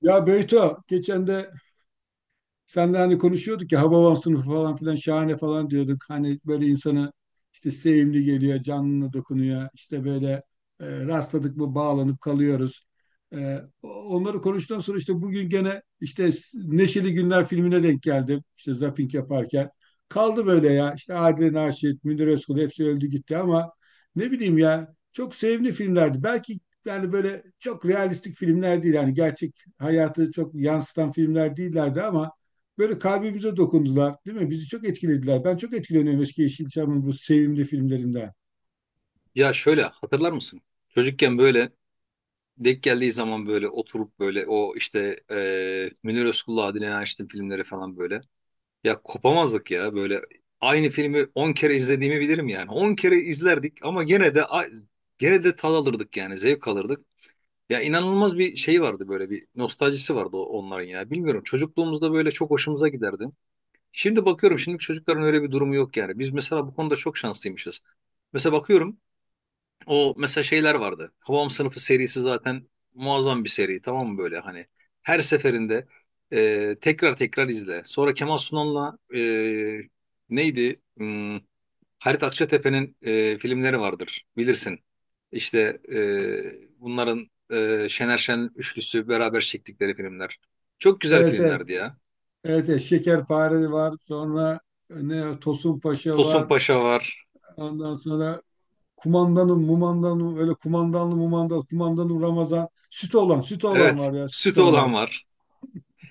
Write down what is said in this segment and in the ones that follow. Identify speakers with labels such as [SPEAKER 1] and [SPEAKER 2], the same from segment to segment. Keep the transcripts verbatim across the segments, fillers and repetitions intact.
[SPEAKER 1] Ya Beyto, geçen de senle hani konuşuyorduk ya, Hababam sınıfı falan filan şahane falan diyorduk. Hani böyle insana işte sevimli geliyor, canlına dokunuyor. İşte böyle e, rastladık mı bağlanıp kalıyoruz. E, onları konuştuktan sonra işte bugün gene işte Neşeli Günler filmine denk geldim. İşte zapping yaparken. Kaldı böyle ya. İşte Adile Naşit, Münir Özkul hepsi öldü gitti ama ne bileyim ya, çok sevimli filmlerdi. Belki yani böyle çok realistik filmler değil. Yani gerçek hayatı çok yansıtan filmler değillerdi ama böyle kalbimize dokundular, değil mi? Bizi çok etkilediler. Ben çok etkileniyorum eski Yeşilçam'ın bu sevimli filmlerinden.
[SPEAKER 2] Ya şöyle hatırlar mısın? Çocukken böyle denk geldiği zaman böyle oturup böyle o işte eee Münir Özkul'la Adile Naşit'in filmleri falan böyle. Ya kopamazdık ya böyle aynı filmi on kere izlediğimi bilirim yani. On kere izlerdik ama gene de a- gene de tad alırdık yani zevk alırdık. Ya inanılmaz bir şey vardı böyle bir nostaljisi vardı o- onların ya. Bilmiyorum çocukluğumuzda böyle çok hoşumuza giderdi. Şimdi bakıyorum şimdiki çocukların öyle bir durumu yok yani. Biz mesela bu konuda çok şanslıymışız. Mesela bakıyorum o mesela şeyler vardı. Havam Sınıfı serisi zaten muazzam bir seri, tamam mı, böyle hani. Her seferinde e, tekrar tekrar izle. Sonra Kemal Sunal'la e, neydi? Hmm, Halit Akçatepe'nin e, filmleri vardır bilirsin. İşte e, bunların e, Şener Şen üçlüsü beraber çektikleri filmler. Çok güzel
[SPEAKER 1] Evet, evet,
[SPEAKER 2] filmlerdi ya.
[SPEAKER 1] evet, evet. Şekerpare var, sonra ne Tosun Paşa
[SPEAKER 2] Tosun
[SPEAKER 1] var,
[SPEAKER 2] Paşa var.
[SPEAKER 1] ondan sonra kumandanım, mumandanım, öyle kumandanlı, mumandan, kumandanım Ramazan, süt olan, süt olan
[SPEAKER 2] Evet.
[SPEAKER 1] var ya, süt
[SPEAKER 2] Süt olan
[SPEAKER 1] olan.
[SPEAKER 2] var.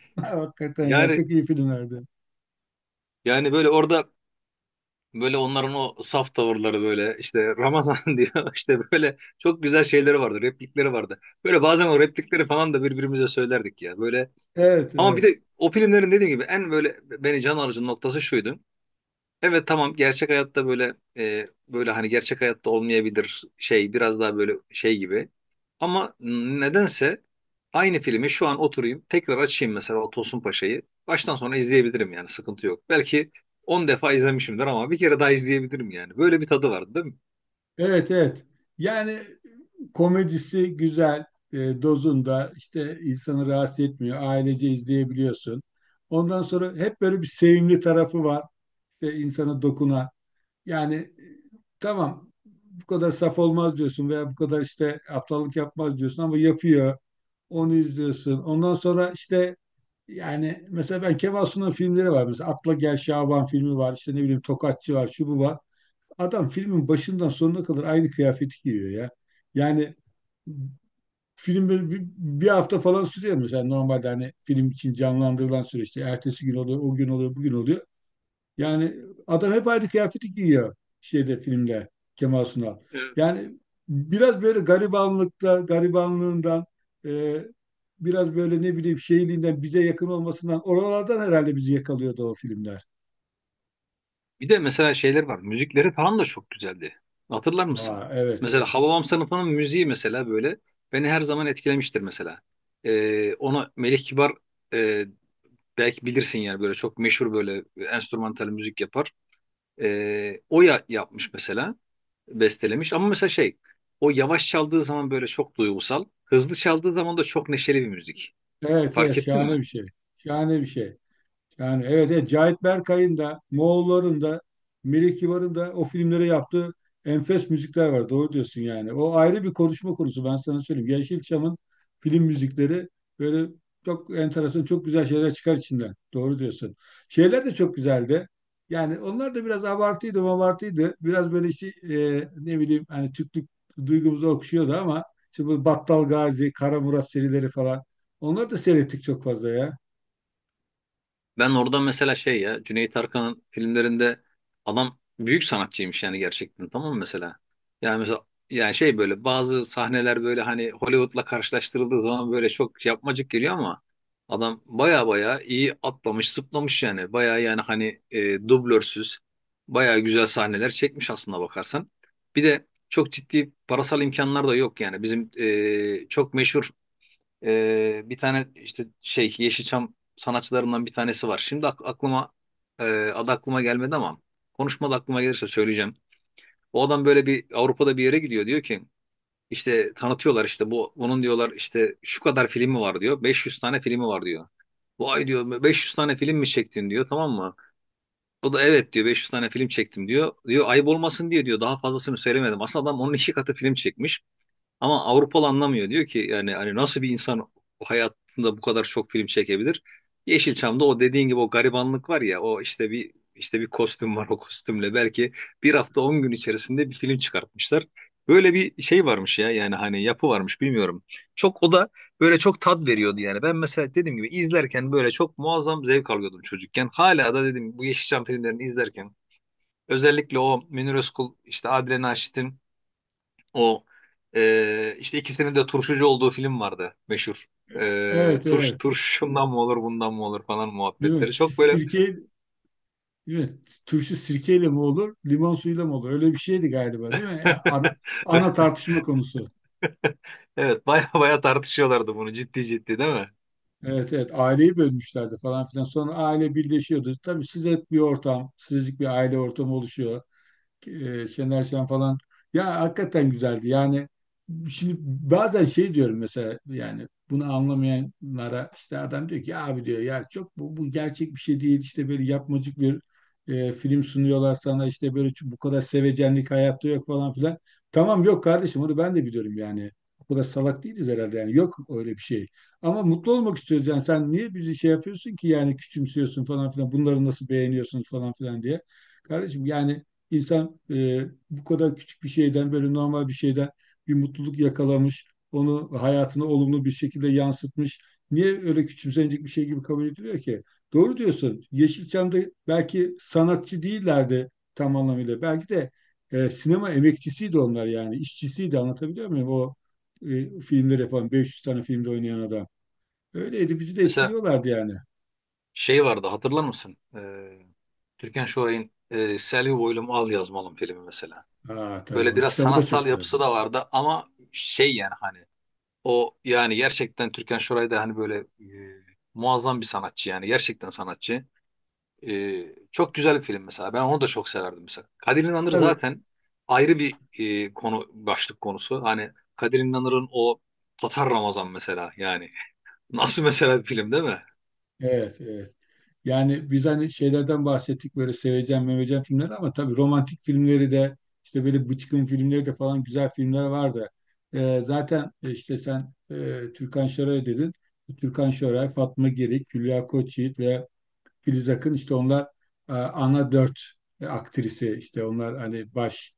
[SPEAKER 1] Hakikaten ya,
[SPEAKER 2] Yani
[SPEAKER 1] çok iyi filmlerdi.
[SPEAKER 2] yani böyle orada böyle onların o saf tavırları böyle işte Ramazan diyor işte böyle çok güzel şeyleri vardı, replikleri vardı. Böyle bazen o replikleri falan da birbirimize söylerdik ya böyle.
[SPEAKER 1] Evet,
[SPEAKER 2] Ama bir
[SPEAKER 1] evet.
[SPEAKER 2] de o filmlerin dediğim gibi en böyle beni can alıcı noktası şuydu. Evet tamam, gerçek hayatta böyle e, böyle hani gerçek hayatta olmayabilir, şey biraz daha böyle şey gibi. Ama nedense aynı filmi şu an oturayım tekrar açayım mesela o Tosun Paşa'yı. Baştan sona izleyebilirim yani, sıkıntı yok. Belki on defa izlemişimdir ama bir kere daha izleyebilirim yani. Böyle bir tadı vardı değil mi?
[SPEAKER 1] Evet, evet. Yani komedisi güzel, e, dozunda, işte insanı rahatsız etmiyor. Ailece izleyebiliyorsun. Ondan sonra hep böyle bir sevimli tarafı var. İşte insana dokunan. Yani e, tamam, bu kadar saf olmaz diyorsun veya bu kadar işte aptallık yapmaz diyorsun ama yapıyor. Onu izliyorsun. Ondan sonra işte yani mesela ben Kemal Sunal'ın filmleri var. Mesela Atla Gel Şaban filmi var. İşte ne bileyim Tokatçı var. Şu bu var. Adam filmin başından sonuna kadar aynı kıyafeti giyiyor ya. Yani film böyle bir, bir hafta falan sürüyor mesela normalde, hani film için canlandırılan süreçte. Ertesi gün oluyor, o gün oluyor, bugün oluyor. Yani adam hep aynı kıyafeti giyiyor şeyde, filmde, Kemal Sunal.
[SPEAKER 2] Evet.
[SPEAKER 1] Yani biraz böyle garibanlıkta, garibanlığından, e, biraz böyle ne bileyim şeyliğinden, bize yakın olmasından, oralardan herhalde bizi yakalıyordu o filmler.
[SPEAKER 2] Bir de mesela şeyler var. Müzikleri falan da çok güzeldi. Hatırlar mısın?
[SPEAKER 1] Ha, evet,
[SPEAKER 2] Mesela
[SPEAKER 1] evet.
[SPEAKER 2] Hababam sınıfının müziği mesela böyle beni her zaman etkilemiştir mesela. Ee, ona Melih Kibar e, belki bilirsin yani böyle çok meşhur böyle enstrümantal müzik yapar. Ee, o ya yapmış mesela, bestelemiş. Ama mesela şey, o yavaş çaldığı zaman böyle çok duygusal, hızlı çaldığı zaman da çok neşeli bir müzik.
[SPEAKER 1] Evet, evet,
[SPEAKER 2] Fark ettin
[SPEAKER 1] şahane
[SPEAKER 2] mi?
[SPEAKER 1] bir şey. Şahane bir şey. Yani evet, evet, Cahit Berkay'ın da, Moğolların da, Melih Kibar'ın da o filmlere yaptığı enfes müzikler var. Doğru diyorsun yani. O ayrı bir konuşma konusu, ben sana söyleyeyim. Yeşilçam'ın film müzikleri böyle çok enteresan, çok güzel şeyler çıkar içinden. Doğru diyorsun. Şeyler de çok güzeldi. Yani onlar da biraz abartıydı, abartıydı. Biraz böyle işte e, ne bileyim hani Türklük duygumuzu okşuyordu ama işte bu Battal Gazi, Kara Murat serileri falan. Onları da seyrettik çok fazla ya.
[SPEAKER 2] Ben orada mesela şey ya Cüneyt Arkın'ın filmlerinde adam büyük sanatçıymış yani, gerçekten, tamam mı, mesela? Yani mesela yani şey böyle bazı sahneler böyle hani Hollywood'la karşılaştırıldığı zaman böyle çok yapmacık geliyor ama adam baya baya iyi atlamış zıplamış yani, baya yani hani e, dublörsüz baya güzel sahneler çekmiş aslında bakarsan. Bir de çok ciddi parasal imkanlar da yok yani, bizim e, çok meşhur ee, bir tane işte şey Yeşilçam sanatçılarımdan bir tanesi var. Şimdi ak- aklıma e, adı aklıma gelmedi ama konuşmada aklıma gelirse söyleyeceğim. O adam böyle bir Avrupa'da bir yere gidiyor, diyor ki işte tanıtıyorlar, işte bu bunun diyorlar işte şu kadar filmi var diyor. beş yüz tane filmi var diyor. Vay diyor, beş yüz tane film mi çektin diyor, tamam mı? O da evet diyor, beş yüz tane film çektim diyor. Diyor, ayıp olmasın diye diyor daha fazlasını söylemedim. Aslında adam onun iki katı film çekmiş. Ama Avrupalı anlamıyor. Diyor ki yani hani nasıl bir insan hayatında bu kadar çok film çekebilir? Yeşilçam'da o dediğin gibi o garibanlık var ya, o işte bir işte bir kostüm var, o kostümle belki bir hafta on gün içerisinde bir film çıkartmışlar. Böyle bir şey varmış ya yani hani, yapı varmış bilmiyorum. Çok o da böyle çok tat veriyordu yani. Ben mesela dediğim gibi izlerken böyle çok muazzam zevk alıyordum çocukken. Hala da dedim, bu Yeşilçam filmlerini izlerken özellikle o Münir Özkul işte Adile Naşit'in o e, işte ikisinin de turşucu olduğu film vardı meşhur. E,
[SPEAKER 1] Evet,
[SPEAKER 2] turş
[SPEAKER 1] evet.
[SPEAKER 2] turşundan mı olur bundan mı olur falan
[SPEAKER 1] Değil mi?
[SPEAKER 2] muhabbetleri.
[SPEAKER 1] Si-
[SPEAKER 2] Çok böyle
[SPEAKER 1] Sirke, değil mi? Turşu sirkeyle mi olur, limon suyuyla mı olur? Öyle bir şeydi galiba, değil mi? Yani ana, ana tartışma konusu.
[SPEAKER 2] evet, baya baya tartışıyorlardı bunu ciddi ciddi değil mi?
[SPEAKER 1] Evet, evet. Aileyi bölmüşlerdi falan filan. Sonra aile birleşiyordu. Tabii siz et bir ortam, sizlik bir aile ortamı oluşuyor. e, Şener Şen falan. Ya hakikaten güzeldi. Yani şimdi bazen şey diyorum mesela, yani bunu anlamayanlara, işte adam diyor ki "Ya abi, diyor ya, çok bu, bu gerçek bir şey değil. İşte böyle yapmacık bir e, film sunuyorlar sana, işte böyle bu kadar sevecenlik hayatta yok" falan filan. Tamam yok kardeşim, onu ben de biliyorum yani. O kadar salak değiliz herhalde, yani yok öyle bir şey. Ama mutlu olmak istiyoruz yani. Sen niye bizi şey yapıyorsun ki, yani küçümsüyorsun falan filan, bunları nasıl beğeniyorsunuz falan filan diye. Kardeşim yani İnsan e, bu kadar küçük bir şeyden, böyle normal bir şeyden bir mutluluk yakalamış, onu hayatına olumlu bir şekilde yansıtmış. Niye öyle küçümsenecek bir şey gibi kabul ediliyor ki? Doğru diyorsun. Yeşilçam'da belki sanatçı değillerdi tam anlamıyla. Belki de e, sinema emekçisiydi onlar yani, işçisiydi, anlatabiliyor muyum? O e, filmleri yapan beş yüz tane filmde oynayan adam. Öyleydi, bizi de
[SPEAKER 2] Mesela
[SPEAKER 1] etkiliyorlardı yani.
[SPEAKER 2] şey vardı, hatırlar mısın? E, Türkan Şoray'ın e, Selvi Boylum Al Yazmalım filmi mesela.
[SPEAKER 1] Aa tabii,
[SPEAKER 2] Böyle
[SPEAKER 1] onun
[SPEAKER 2] biraz
[SPEAKER 1] kitabı da çok
[SPEAKER 2] sanatsal
[SPEAKER 1] güzeldi.
[SPEAKER 2] yapısı da vardı ama şey yani hani o yani gerçekten Türkan Şoray da hani böyle e, muazzam bir sanatçı, yani gerçekten sanatçı. Ee, çok güzel bir film mesela. Ben onu da çok severdim mesela. Kadir İnanır
[SPEAKER 1] Tabii.
[SPEAKER 2] zaten ayrı bir e, konu, başlık konusu. Hani Kadir İnanır'ın o Tatar Ramazan mesela yani. Nasıl mesela bir film değil mi?
[SPEAKER 1] Evet, evet. Yani biz hani şeylerden bahsettik, böyle seveceğim meveceğim filmleri, ama tabii romantik filmleri de, işte böyle bıçkın filmleri de falan, güzel filmler vardı. Ee, zaten e, işte sen e, Türkan Şoray dedin. Türkan Şoray, Fatma Girik, Hülya Koçyiğit ve Filiz Akın, işte onlar e, ana dört e, aktrisi, işte onlar hani baş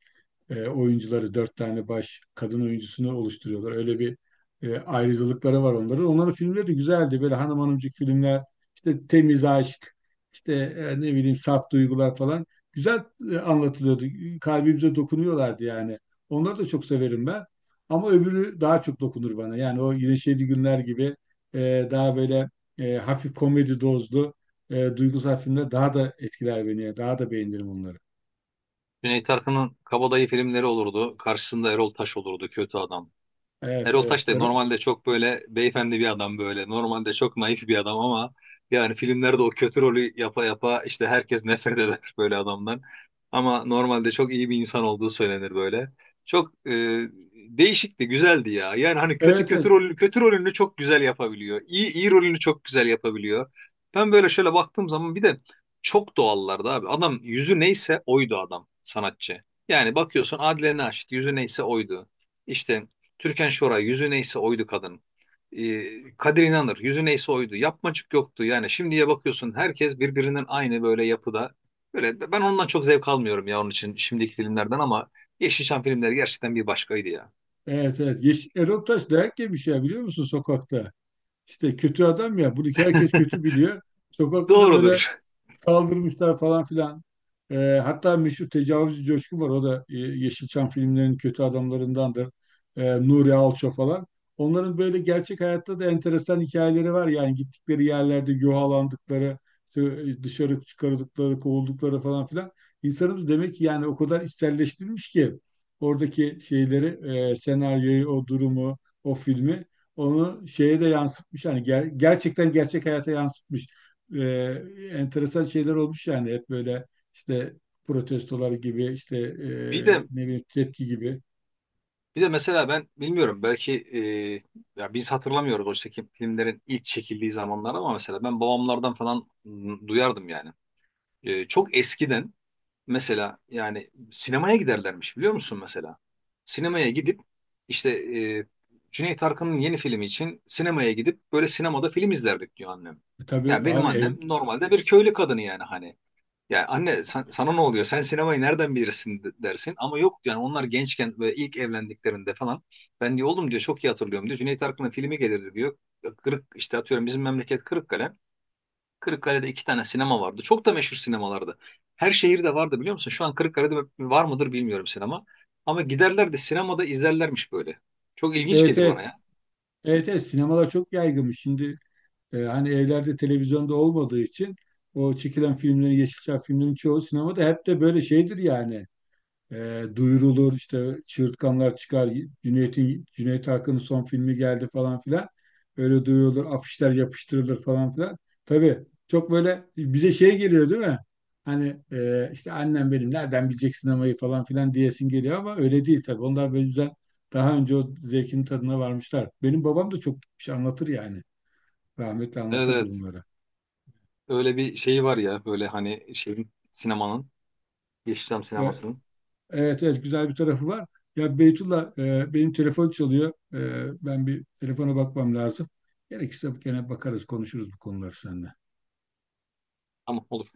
[SPEAKER 1] e, oyuncuları, dört tane baş kadın oyuncusunu oluşturuyorlar. Öyle bir e, ayrıcalıkları var onların. Onların filmleri de güzeldi. Böyle hanım hanımcık filmler, işte temiz aşk, işte e, ne bileyim saf duygular falan. Güzel e, anlatılıyordu. Kalbimize dokunuyorlardı yani. Onları da çok severim ben. Ama öbürü daha çok dokunur bana. Yani o Yine Şeydi Günler gibi e, daha böyle e, hafif komedi dozlu e, duygusal filmler daha da etkiler beni. Daha da beğenirim onları.
[SPEAKER 2] Cüneyt Arkın'ın Kabadayı filmleri olurdu. Karşısında Erol Taş olurdu, kötü adam.
[SPEAKER 1] Evet,
[SPEAKER 2] Erol
[SPEAKER 1] evet.
[SPEAKER 2] Taş da
[SPEAKER 1] Erol-
[SPEAKER 2] normalde çok böyle beyefendi bir adam böyle. Normalde çok naif bir adam ama yani filmlerde o kötü rolü yapa yapa işte herkes nefret eder böyle adamdan. Ama normalde çok iyi bir insan olduğu söylenir böyle. Çok e, değişikti, güzeldi ya. Yani hani kötü
[SPEAKER 1] Evet,
[SPEAKER 2] kötü
[SPEAKER 1] evet.
[SPEAKER 2] rolünü kötü rolünü çok güzel yapabiliyor. İyi iyi rolünü çok güzel yapabiliyor. Ben böyle şöyle baktığım zaman bir de çok doğallardı abi. Adam, yüzü neyse oydu, adam sanatçı. Yani bakıyorsun Adile Naşit yüzü neyse oydu. İşte Türkan Şoray yüzü neyse oydu kadın. Ee, Kadir İnanır yüzü neyse oydu. Yapmacık yoktu. Yani şimdiye bakıyorsun herkes birbirinin aynı böyle yapıda. Böyle ben ondan çok zevk almıyorum ya, onun için şimdiki filmlerden ama Yeşilçam filmleri gerçekten bir başkaydı ya.
[SPEAKER 1] Evet, evet. Yeş Erol Taş dayak yemiş ya, biliyor musun, sokakta? İşte kötü adam ya. Bunu herkes kötü biliyor. Sokakta da böyle
[SPEAKER 2] Doğrudur.
[SPEAKER 1] kaldırmışlar falan filan. Ee, hatta meşhur tecavüzcü Coşkun var. O da e, Yeşilçam filmlerinin kötü adamlarındandır. Ee, Nuri Alço falan. Onların böyle gerçek hayatta da enteresan hikayeleri var. Yani gittikleri yerlerde yuhalandıkları, işte dışarı çıkarıldıkları, kovuldukları falan filan. İnsanımız demek ki yani o kadar içselleştirmiş ki oradaki şeyleri, e, senaryoyu, o durumu, o filmi, onu şeye de yansıtmış. Yani ger- gerçekten gerçek hayata yansıtmış, e, enteresan şeyler olmuş yani, hep böyle işte protestolar gibi, işte e,
[SPEAKER 2] Bir de
[SPEAKER 1] ne bileyim tepki gibi.
[SPEAKER 2] bir de mesela ben bilmiyorum, belki e, ya biz hatırlamıyoruz o çekim filmlerin ilk çekildiği zamanlar ama mesela ben babamlardan falan m, duyardım yani. E, çok eskiden mesela, yani sinemaya giderlermiş biliyor musun mesela? Sinemaya gidip işte e, Cüneyt Arkın'ın yeni filmi için sinemaya gidip böyle sinemada film izlerdik diyor annem.
[SPEAKER 1] E, tabii
[SPEAKER 2] Ya benim
[SPEAKER 1] abi, ev,
[SPEAKER 2] annem normalde bir köylü kadını yani hani. Ya anne, sen- sana ne oluyor? Sen sinemayı nereden bilirsin de- dersin. Ama yok yani, onlar gençken ve ilk evlendiklerinde falan. Ben diyor oğlum, diyor çok iyi hatırlıyorum diyor. Cüneyt Arkın'ın filmi gelirdi diyor. Kırık işte atıyorum, bizim memleket Kırıkkale. Kırıkkale'de iki tane sinema vardı. Çok da meşhur sinemalardı. Her şehirde vardı biliyor musun? Şu an Kırıkkale'de var mıdır bilmiyorum sinema. Ama giderler de sinemada izlerlermiş böyle. Çok ilginç
[SPEAKER 1] evet,
[SPEAKER 2] gelir
[SPEAKER 1] evet,
[SPEAKER 2] bana ya.
[SPEAKER 1] evet, evet, sinemalar çok yaygınmış. Şimdi e, hani evlerde televizyonda olmadığı için o çekilen filmlerin, Yeşilçam filmlerin çoğu sinemada, hep de böyle şeydir yani. E, duyurulur, işte çığırtkanlar çıkar, Cüneyt'in, Cüneyt Arkın'ın son filmi geldi falan filan. Öyle duyurulur, afişler yapıştırılır falan filan. Tabii çok böyle bize şey geliyor, değil mi? Hani e, işte annem benim nereden bilecek sinemayı falan filan diyesin geliyor ama öyle değil tabii. Onlar böyle güzel, daha önce o zevkin tadına varmışlar. Benim babam da çok şey anlatır yani. Rahmetli
[SPEAKER 2] Evet
[SPEAKER 1] anlatırdı
[SPEAKER 2] evet.
[SPEAKER 1] bunları.
[SPEAKER 2] Öyle bir şeyi var ya böyle hani şeyin, sinemanın, Yeşilçam
[SPEAKER 1] E,
[SPEAKER 2] sinemasının.
[SPEAKER 1] Evet, evet, güzel bir tarafı var. Ya Beytullah, e, benim telefon çalıyor. E, ben bir telefona bakmam lazım. Gerekirse gene bakarız, konuşuruz bu konuları seninle.
[SPEAKER 2] Tamam, olur.